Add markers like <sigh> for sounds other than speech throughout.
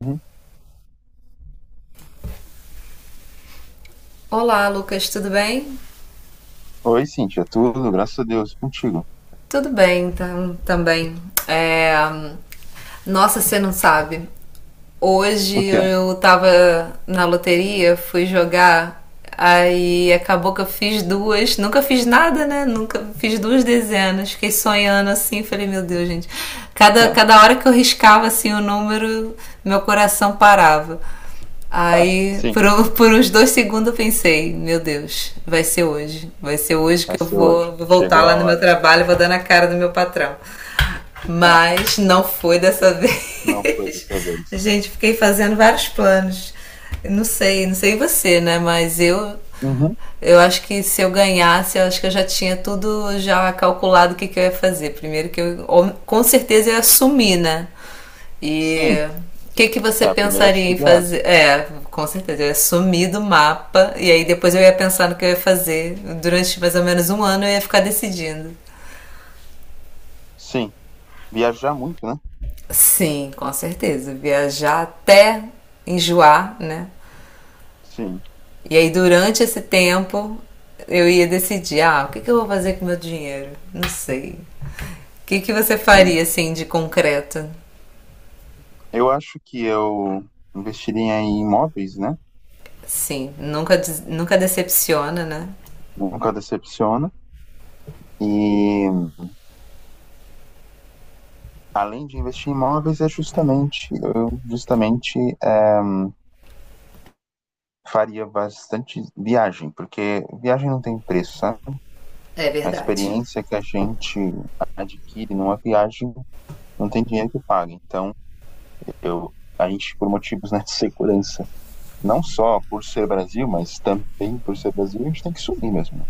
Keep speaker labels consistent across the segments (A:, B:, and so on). A: Uhum.
B: Olá, Lucas, tudo bem?
A: Oi, Cíntia, tudo? Graças a Deus, e contigo.
B: Tudo bem, então, também. É, Nossa, você não sabe. Hoje
A: O que é?
B: eu tava na loteria, fui jogar, aí acabou que eu fiz duas. Nunca fiz nada, né? Nunca fiz duas dezenas. Fiquei sonhando assim, falei, meu Deus, gente. Cada,
A: É.
B: cada hora que eu riscava assim o número, meu coração parava.
A: <laughs> Sim,
B: <laughs> Por uns dois segundos eu pensei, meu Deus, vai ser hoje. Vai ser hoje
A: vai
B: que eu
A: ser hoje.
B: vou voltar
A: Chegou
B: lá
A: a
B: no meu
A: hora.
B: trabalho e vou dar na cara do meu patrão. Mas não foi dessa
A: <laughs> Não foi
B: vez.
A: dessa
B: <laughs>
A: vez.
B: Gente, fiquei fazendo vários planos. Não sei você, né? Mas eu
A: Uhum.
B: eu acho que se eu ganhasse, eu acho que eu já tinha tudo já calculado o que eu ia fazer. Primeiro que eu com certeza ia sumir, né? E
A: Sim,
B: o que você
A: é a primeira
B: pensaria em
A: atitude é essa.
B: fazer? É, com certeza, eu ia sumir do mapa e aí depois eu ia pensar no que eu ia fazer. Durante mais ou menos um ano eu ia ficar decidindo.
A: Sim, viajar muito, né?
B: Sim, com certeza. Viajar até enjoar, né?
A: Sim,
B: E aí durante esse tempo eu ia decidir, ah, o que eu vou fazer com o meu dinheiro? Não sei. O que você
A: sim.
B: faria, assim, de concreto?
A: Eu acho que eu investiria em imóveis, né?
B: Sim, nunca decepciona, né?
A: Nunca decepciona. E além de investir em imóveis, é justamente, eu justamente faria bastante viagem, porque viagem não tem preço, sabe?
B: É
A: A
B: verdade.
A: experiência que a gente adquire numa viagem não tem dinheiro que pague. Então, eu, a gente, por motivos né, de segurança, não só por ser Brasil, mas também por ser Brasil, a gente tem que subir mesmo. Né?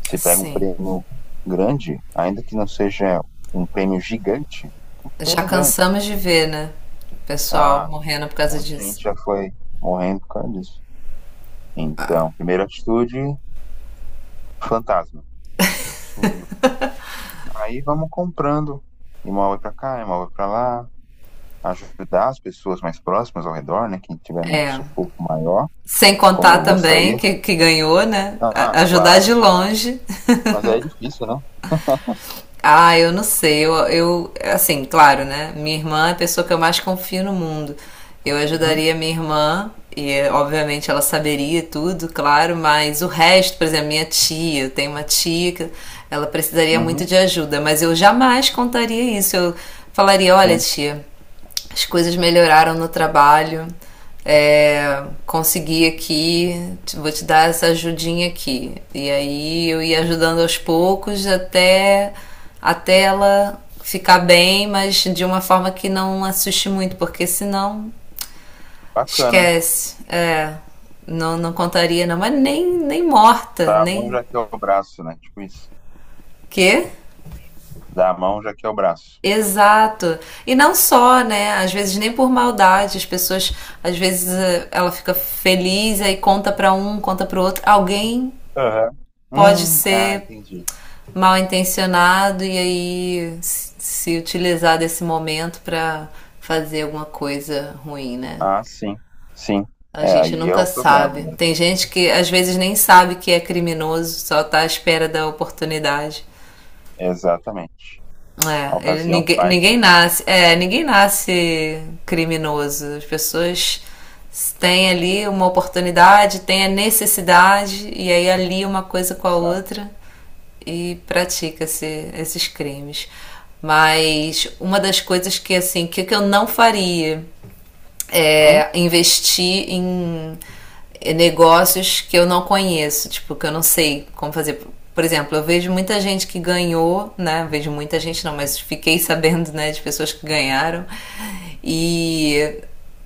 A: Você pega um
B: Sim.
A: prêmio grande, ainda que não seja um prêmio gigante, um
B: Já
A: prêmio grande.
B: cansamos de ver, né? O pessoal
A: Ah,
B: morrendo por
A: um
B: causa
A: monte de
B: disso.
A: gente já foi morrendo por causa disso. Então, primeira atitude, fantasma, sumiu. Aí vamos comprando, imóvel para cá, imóvel para lá, ajudar as pessoas mais próximas ao redor, né? Quem tiver num
B: É.
A: sufoco maior,
B: Sem
A: como
B: contar
A: eu vou
B: também
A: sair.
B: que ganhou, né?
A: Ah,
B: A- ajudar de
A: claro, claro.
B: longe.
A: Mas aí é difícil, né?
B: Ah, eu não sei. Assim, claro, né? Minha irmã é a pessoa que eu mais confio no mundo. Eu
A: Uhum,
B: ajudaria minha irmã, e obviamente ela saberia tudo, claro, mas o resto, por exemplo, minha tia, eu tenho uma tia que ela precisaria muito
A: uhum,
B: de ajuda, mas eu jamais contaria isso. Eu falaria: olha,
A: sim.
B: tia, as coisas melhoraram no trabalho. É, consegui aqui, vou te dar essa ajudinha aqui. E aí eu ia ajudando aos poucos até, até ela ficar bem, mas de uma forma que não assuste muito, porque senão
A: Bacana.
B: esquece. Não, não contaria, não, mas nem, nem morta,
A: Dá a mão
B: nem.
A: já que é o braço, né? Tipo isso.
B: Quê?
A: Dá a mão já que é o braço.
B: Exato. E não só, né? Às vezes nem por maldade, as pessoas, às vezes ela fica feliz aí conta pra um, conta pro outro. Alguém
A: Aham.
B: pode
A: Ah,
B: ser
A: entendi.
B: mal intencionado e aí se utilizar desse momento pra fazer alguma coisa ruim, né?
A: Ah, sim, sim.
B: A
A: É,
B: gente
A: aí é
B: nunca
A: o problema
B: sabe. Tem
A: mesmo.
B: gente que às vezes nem sabe que é criminoso, só tá à espera da oportunidade.
A: Exatamente. A
B: É, ele-
A: ocasião
B: ninguém,
A: faz,
B: ninguém
A: né?
B: nasce, é, ninguém nasce criminoso. As pessoas têm ali uma oportunidade, têm a necessidade e aí ali uma coisa com a
A: Exato.
B: outra e pratica-se esses crimes. Mas uma das coisas que assim, que eu não faria
A: Uhum,
B: é, investir em negócios que eu não conheço, tipo, que eu não sei como fazer. Por exemplo, eu vejo muita gente que ganhou, né? Vejo muita gente não, mas fiquei <laughs> sabendo, né, de pessoas que ganharam e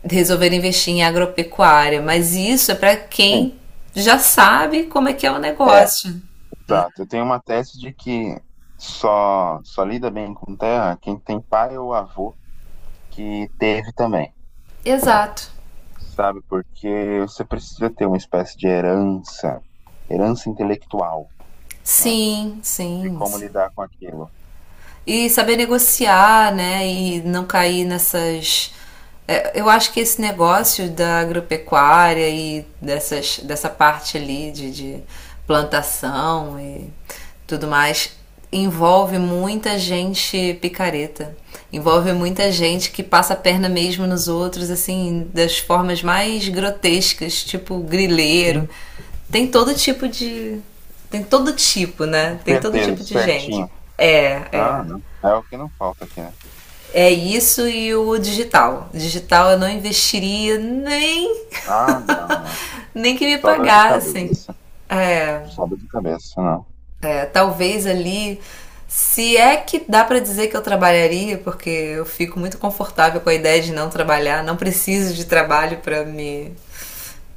B: resolveram investir em agropecuária, mas isso é para
A: sim.
B: quem já sabe como é que é o
A: É.
B: negócio.
A: Exato. Eu tenho uma tese de que só lida bem com terra quem tem pai ou avô que teve também,
B: Exato.
A: sabe? Porque você precisa ter uma espécie de herança, herança intelectual, né?
B: Sim,
A: De
B: sim,
A: como
B: sim.
A: lidar com aquilo.
B: E saber negociar, né? E não cair nessas. Eu acho que esse negócio da agropecuária e dessa parte ali de plantação e tudo mais envolve muita gente picareta. Envolve muita gente que passa a perna mesmo nos outros, assim, das formas mais grotescas, tipo grileiro.
A: Sim.
B: Tem todo tipo de. Tem todo tipo, né? Tem todo
A: Desperteza,
B: tipo de gente.
A: despertinho.
B: É, é.
A: Ah, não. É o que não falta aqui, né?
B: É isso e o digital. Digital eu não investiria nem
A: Ah, não, não.
B: <laughs> nem que me
A: Só dor de
B: pagassem.
A: cabeça.
B: É,
A: Só dor de cabeça, não.
B: talvez ali, se é que dá para dizer que eu trabalharia, porque eu fico muito confortável com a ideia de não trabalhar, não preciso de trabalho para me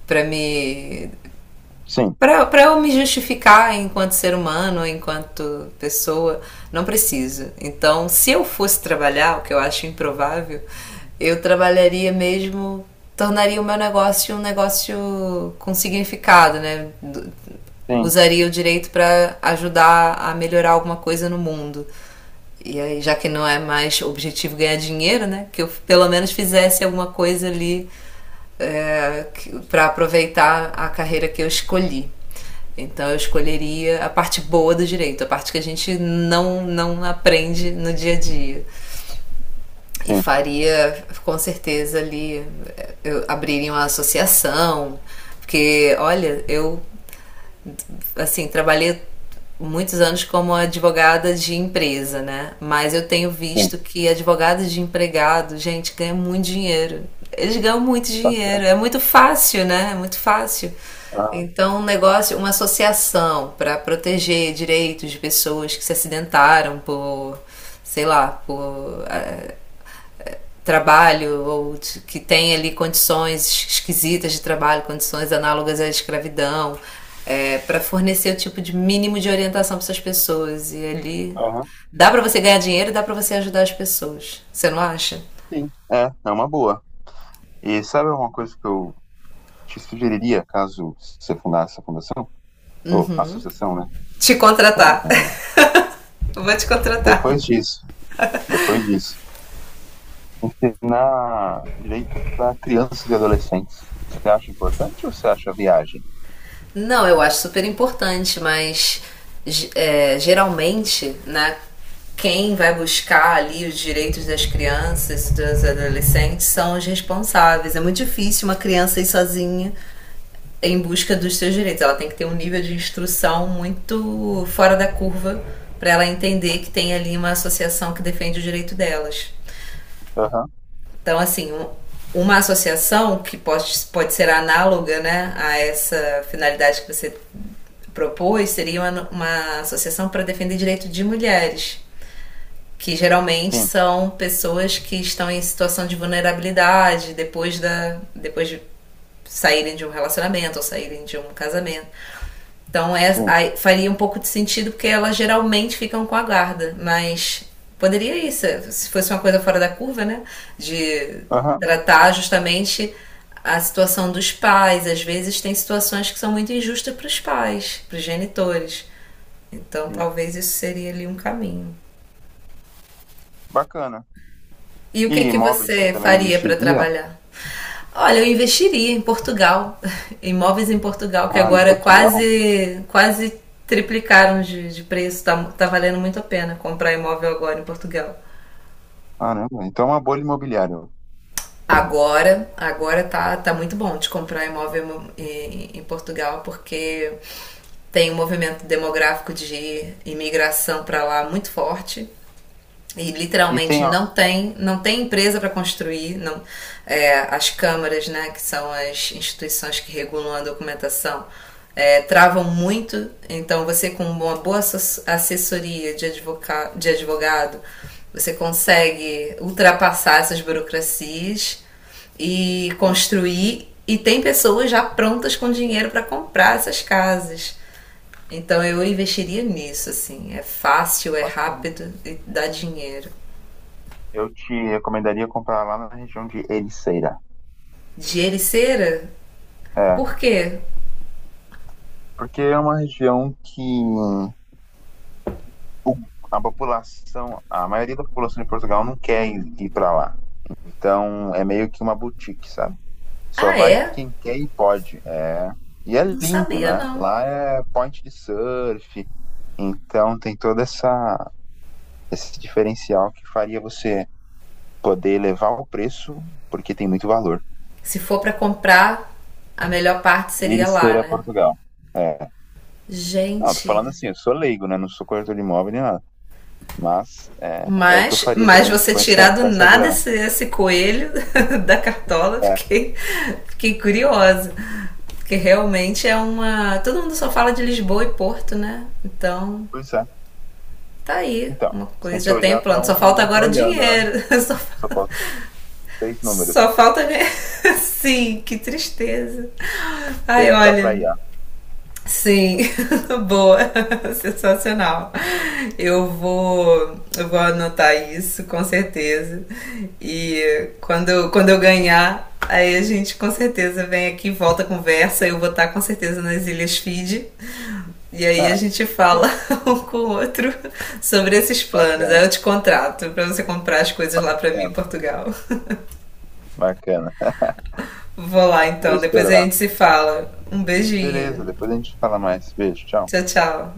B: para me
A: Sim,
B: para eu me justificar enquanto ser humano, enquanto pessoa, não preciso. Então, se eu fosse trabalhar, o que eu acho improvável, eu trabalharia mesmo, tornaria o meu negócio um negócio com significado, né?
A: sim,
B: Usaria o direito para ajudar a melhorar alguma coisa no mundo. E aí, já que não é mais objetivo ganhar dinheiro, né? Que eu pelo menos fizesse alguma coisa ali é, para aproveitar a carreira que eu escolhi. Então eu escolheria a parte boa do direito, a parte que a gente não aprende no dia a dia. E
A: sim,
B: faria, com certeza, ali, eu abriria uma associação, porque, olha, eu assim, trabalhei muitos anos como advogada de empresa, né? Mas eu tenho
A: sim.
B: visto que advogado de empregado, gente, ganha muito dinheiro. Eles ganham muito dinheiro,
A: Bastante.
B: é muito fácil, né? É muito fácil.
A: Aham,
B: Então, um negócio, uma associação para proteger direitos de pessoas que se acidentaram por, sei lá, por trabalho ou de, que tem ali condições esquisitas de trabalho, condições análogas à escravidão, é, para fornecer o tipo de mínimo de orientação para essas pessoas. E ali
A: aham.
B: dá para você ganhar dinheiro e dá para você ajudar as pessoas. Você não acha?
A: Sim. É, é uma boa. E sabe uma coisa que eu te sugeriria, caso você fundasse a fundação, ou associação, né?
B: Te contratar. <laughs> Vou te contratar.
A: Depois disso, depois disso, ensinar direito para crianças e adolescentes. Você acha importante ou você acha viagem?
B: Não, eu acho super importante, mas ge- é, geralmente, né, quem vai buscar ali os direitos das crianças, dos adolescentes, são os responsáveis. É muito difícil uma criança ir sozinha em busca dos seus direitos. Ela tem que ter um nível de instrução muito fora da curva para ela entender que tem ali uma associação que defende o direito delas.
A: Aham,
B: Então, assim, uma associação que pode ser análoga né, a essa finalidade que você propôs seria uma associação para defender direito de mulheres, que geralmente
A: sim,
B: são pessoas que estão em situação de vulnerabilidade depois de saírem de um relacionamento ou saírem de um casamento. Então é,
A: sim.
B: aí faria um pouco de sentido porque elas geralmente ficam com a guarda, mas poderia isso, se fosse uma coisa fora da curva, né? De
A: Aham,
B: tratar justamente a situação dos pais. Às vezes tem situações que são muito injustas para os pais, para os genitores. Então
A: sim.
B: talvez isso seria ali um caminho.
A: Bacana.
B: E o que
A: E
B: que
A: imóveis você
B: você
A: também não
B: faria para
A: investiria?
B: trabalhar? Olha, eu investiria em Portugal, <laughs> imóveis em Portugal, que
A: Ah, em
B: agora
A: Portugal?
B: quase quase triplicaram de preço, tá valendo muito a pena comprar imóvel agora em Portugal.
A: Caramba, então é uma bolha imobiliária.
B: Agora tá muito bom de comprar imóvel em Portugal, porque tem um movimento demográfico de imigração para lá muito forte. E
A: E
B: literalmente
A: tem, ó,
B: não tem empresa para construir não. É, as câmaras né que são as instituições que regulam a documentação é, travam muito então você com uma boa assessoria de advogado você consegue ultrapassar essas burocracias e
A: sim,
B: construir e tem pessoas já prontas com dinheiro para comprar essas casas então eu investiria nisso, assim. É fácil, é
A: bacana.
B: rápido e dá dinheiro.
A: Eu te recomendaria comprar lá na região de Ericeira.
B: De Ericeira?
A: É,
B: Por quê?
A: porque é uma região que o- a população, a maioria da população de Portugal não quer ir para lá. Então é meio que uma boutique, sabe? Só
B: Ah,
A: vai
B: é?
A: quem quer e pode. É... E é
B: Não
A: lindo,
B: sabia,
A: né?
B: não.
A: Lá é point de surf, então tem todo essa, esse diferencial que faria você poder elevar o preço, porque tem muito valor.
B: Se for pra comprar, a melhor parte
A: Ir
B: seria lá,
A: ser a
B: né?
A: Portugal. É. Não, tô falando
B: Gente,
A: assim, eu sou leigo, né? Não sou corretor de imóvel nem nada. Mas é, é o que eu
B: mas,
A: faria
B: mas
A: também
B: você tirar do
A: com essa
B: nada
A: grana.
B: esse coelho <laughs> da cartola,
A: É,
B: fiquei, fiquei curiosa. Porque realmente é uma. Todo mundo só fala de Lisboa e Porto, né? Então,
A: pois é.
B: tá aí
A: Então,
B: uma
A: você tem
B: coisa,
A: que
B: já tem um
A: olhar pra
B: plano. Só
A: onde
B: falta
A: ninguém tá
B: agora o
A: olhando, né?
B: dinheiro. <laughs> Só
A: Só
B: falta.
A: falta três números.
B: Só falta ganhar. <laughs> Sim, que tristeza. Ai,
A: Perguntar pra
B: olha.
A: IA.
B: Sim, <laughs> boa, <laughs> sensacional. Eu vou anotar isso com certeza. E quando eu ganhar, aí a gente com certeza vem aqui, volta a conversa. Eu vou estar com certeza nas Ilhas Fiji. E aí a
A: Ah,
B: gente
A: <laughs>
B: fala
A: sim,
B: <laughs> um com o outro sobre esses planos. Aí
A: bacana,
B: eu te contrato para você comprar as coisas lá para mim em
A: bacana,
B: Portugal.
A: bacana.
B: Vou lá
A: Vou
B: então, depois a
A: esperar.
B: gente se fala. Um
A: Beleza,
B: beijinho.
A: depois a gente fala mais. Beijo, tchau.
B: Tchau, tchau.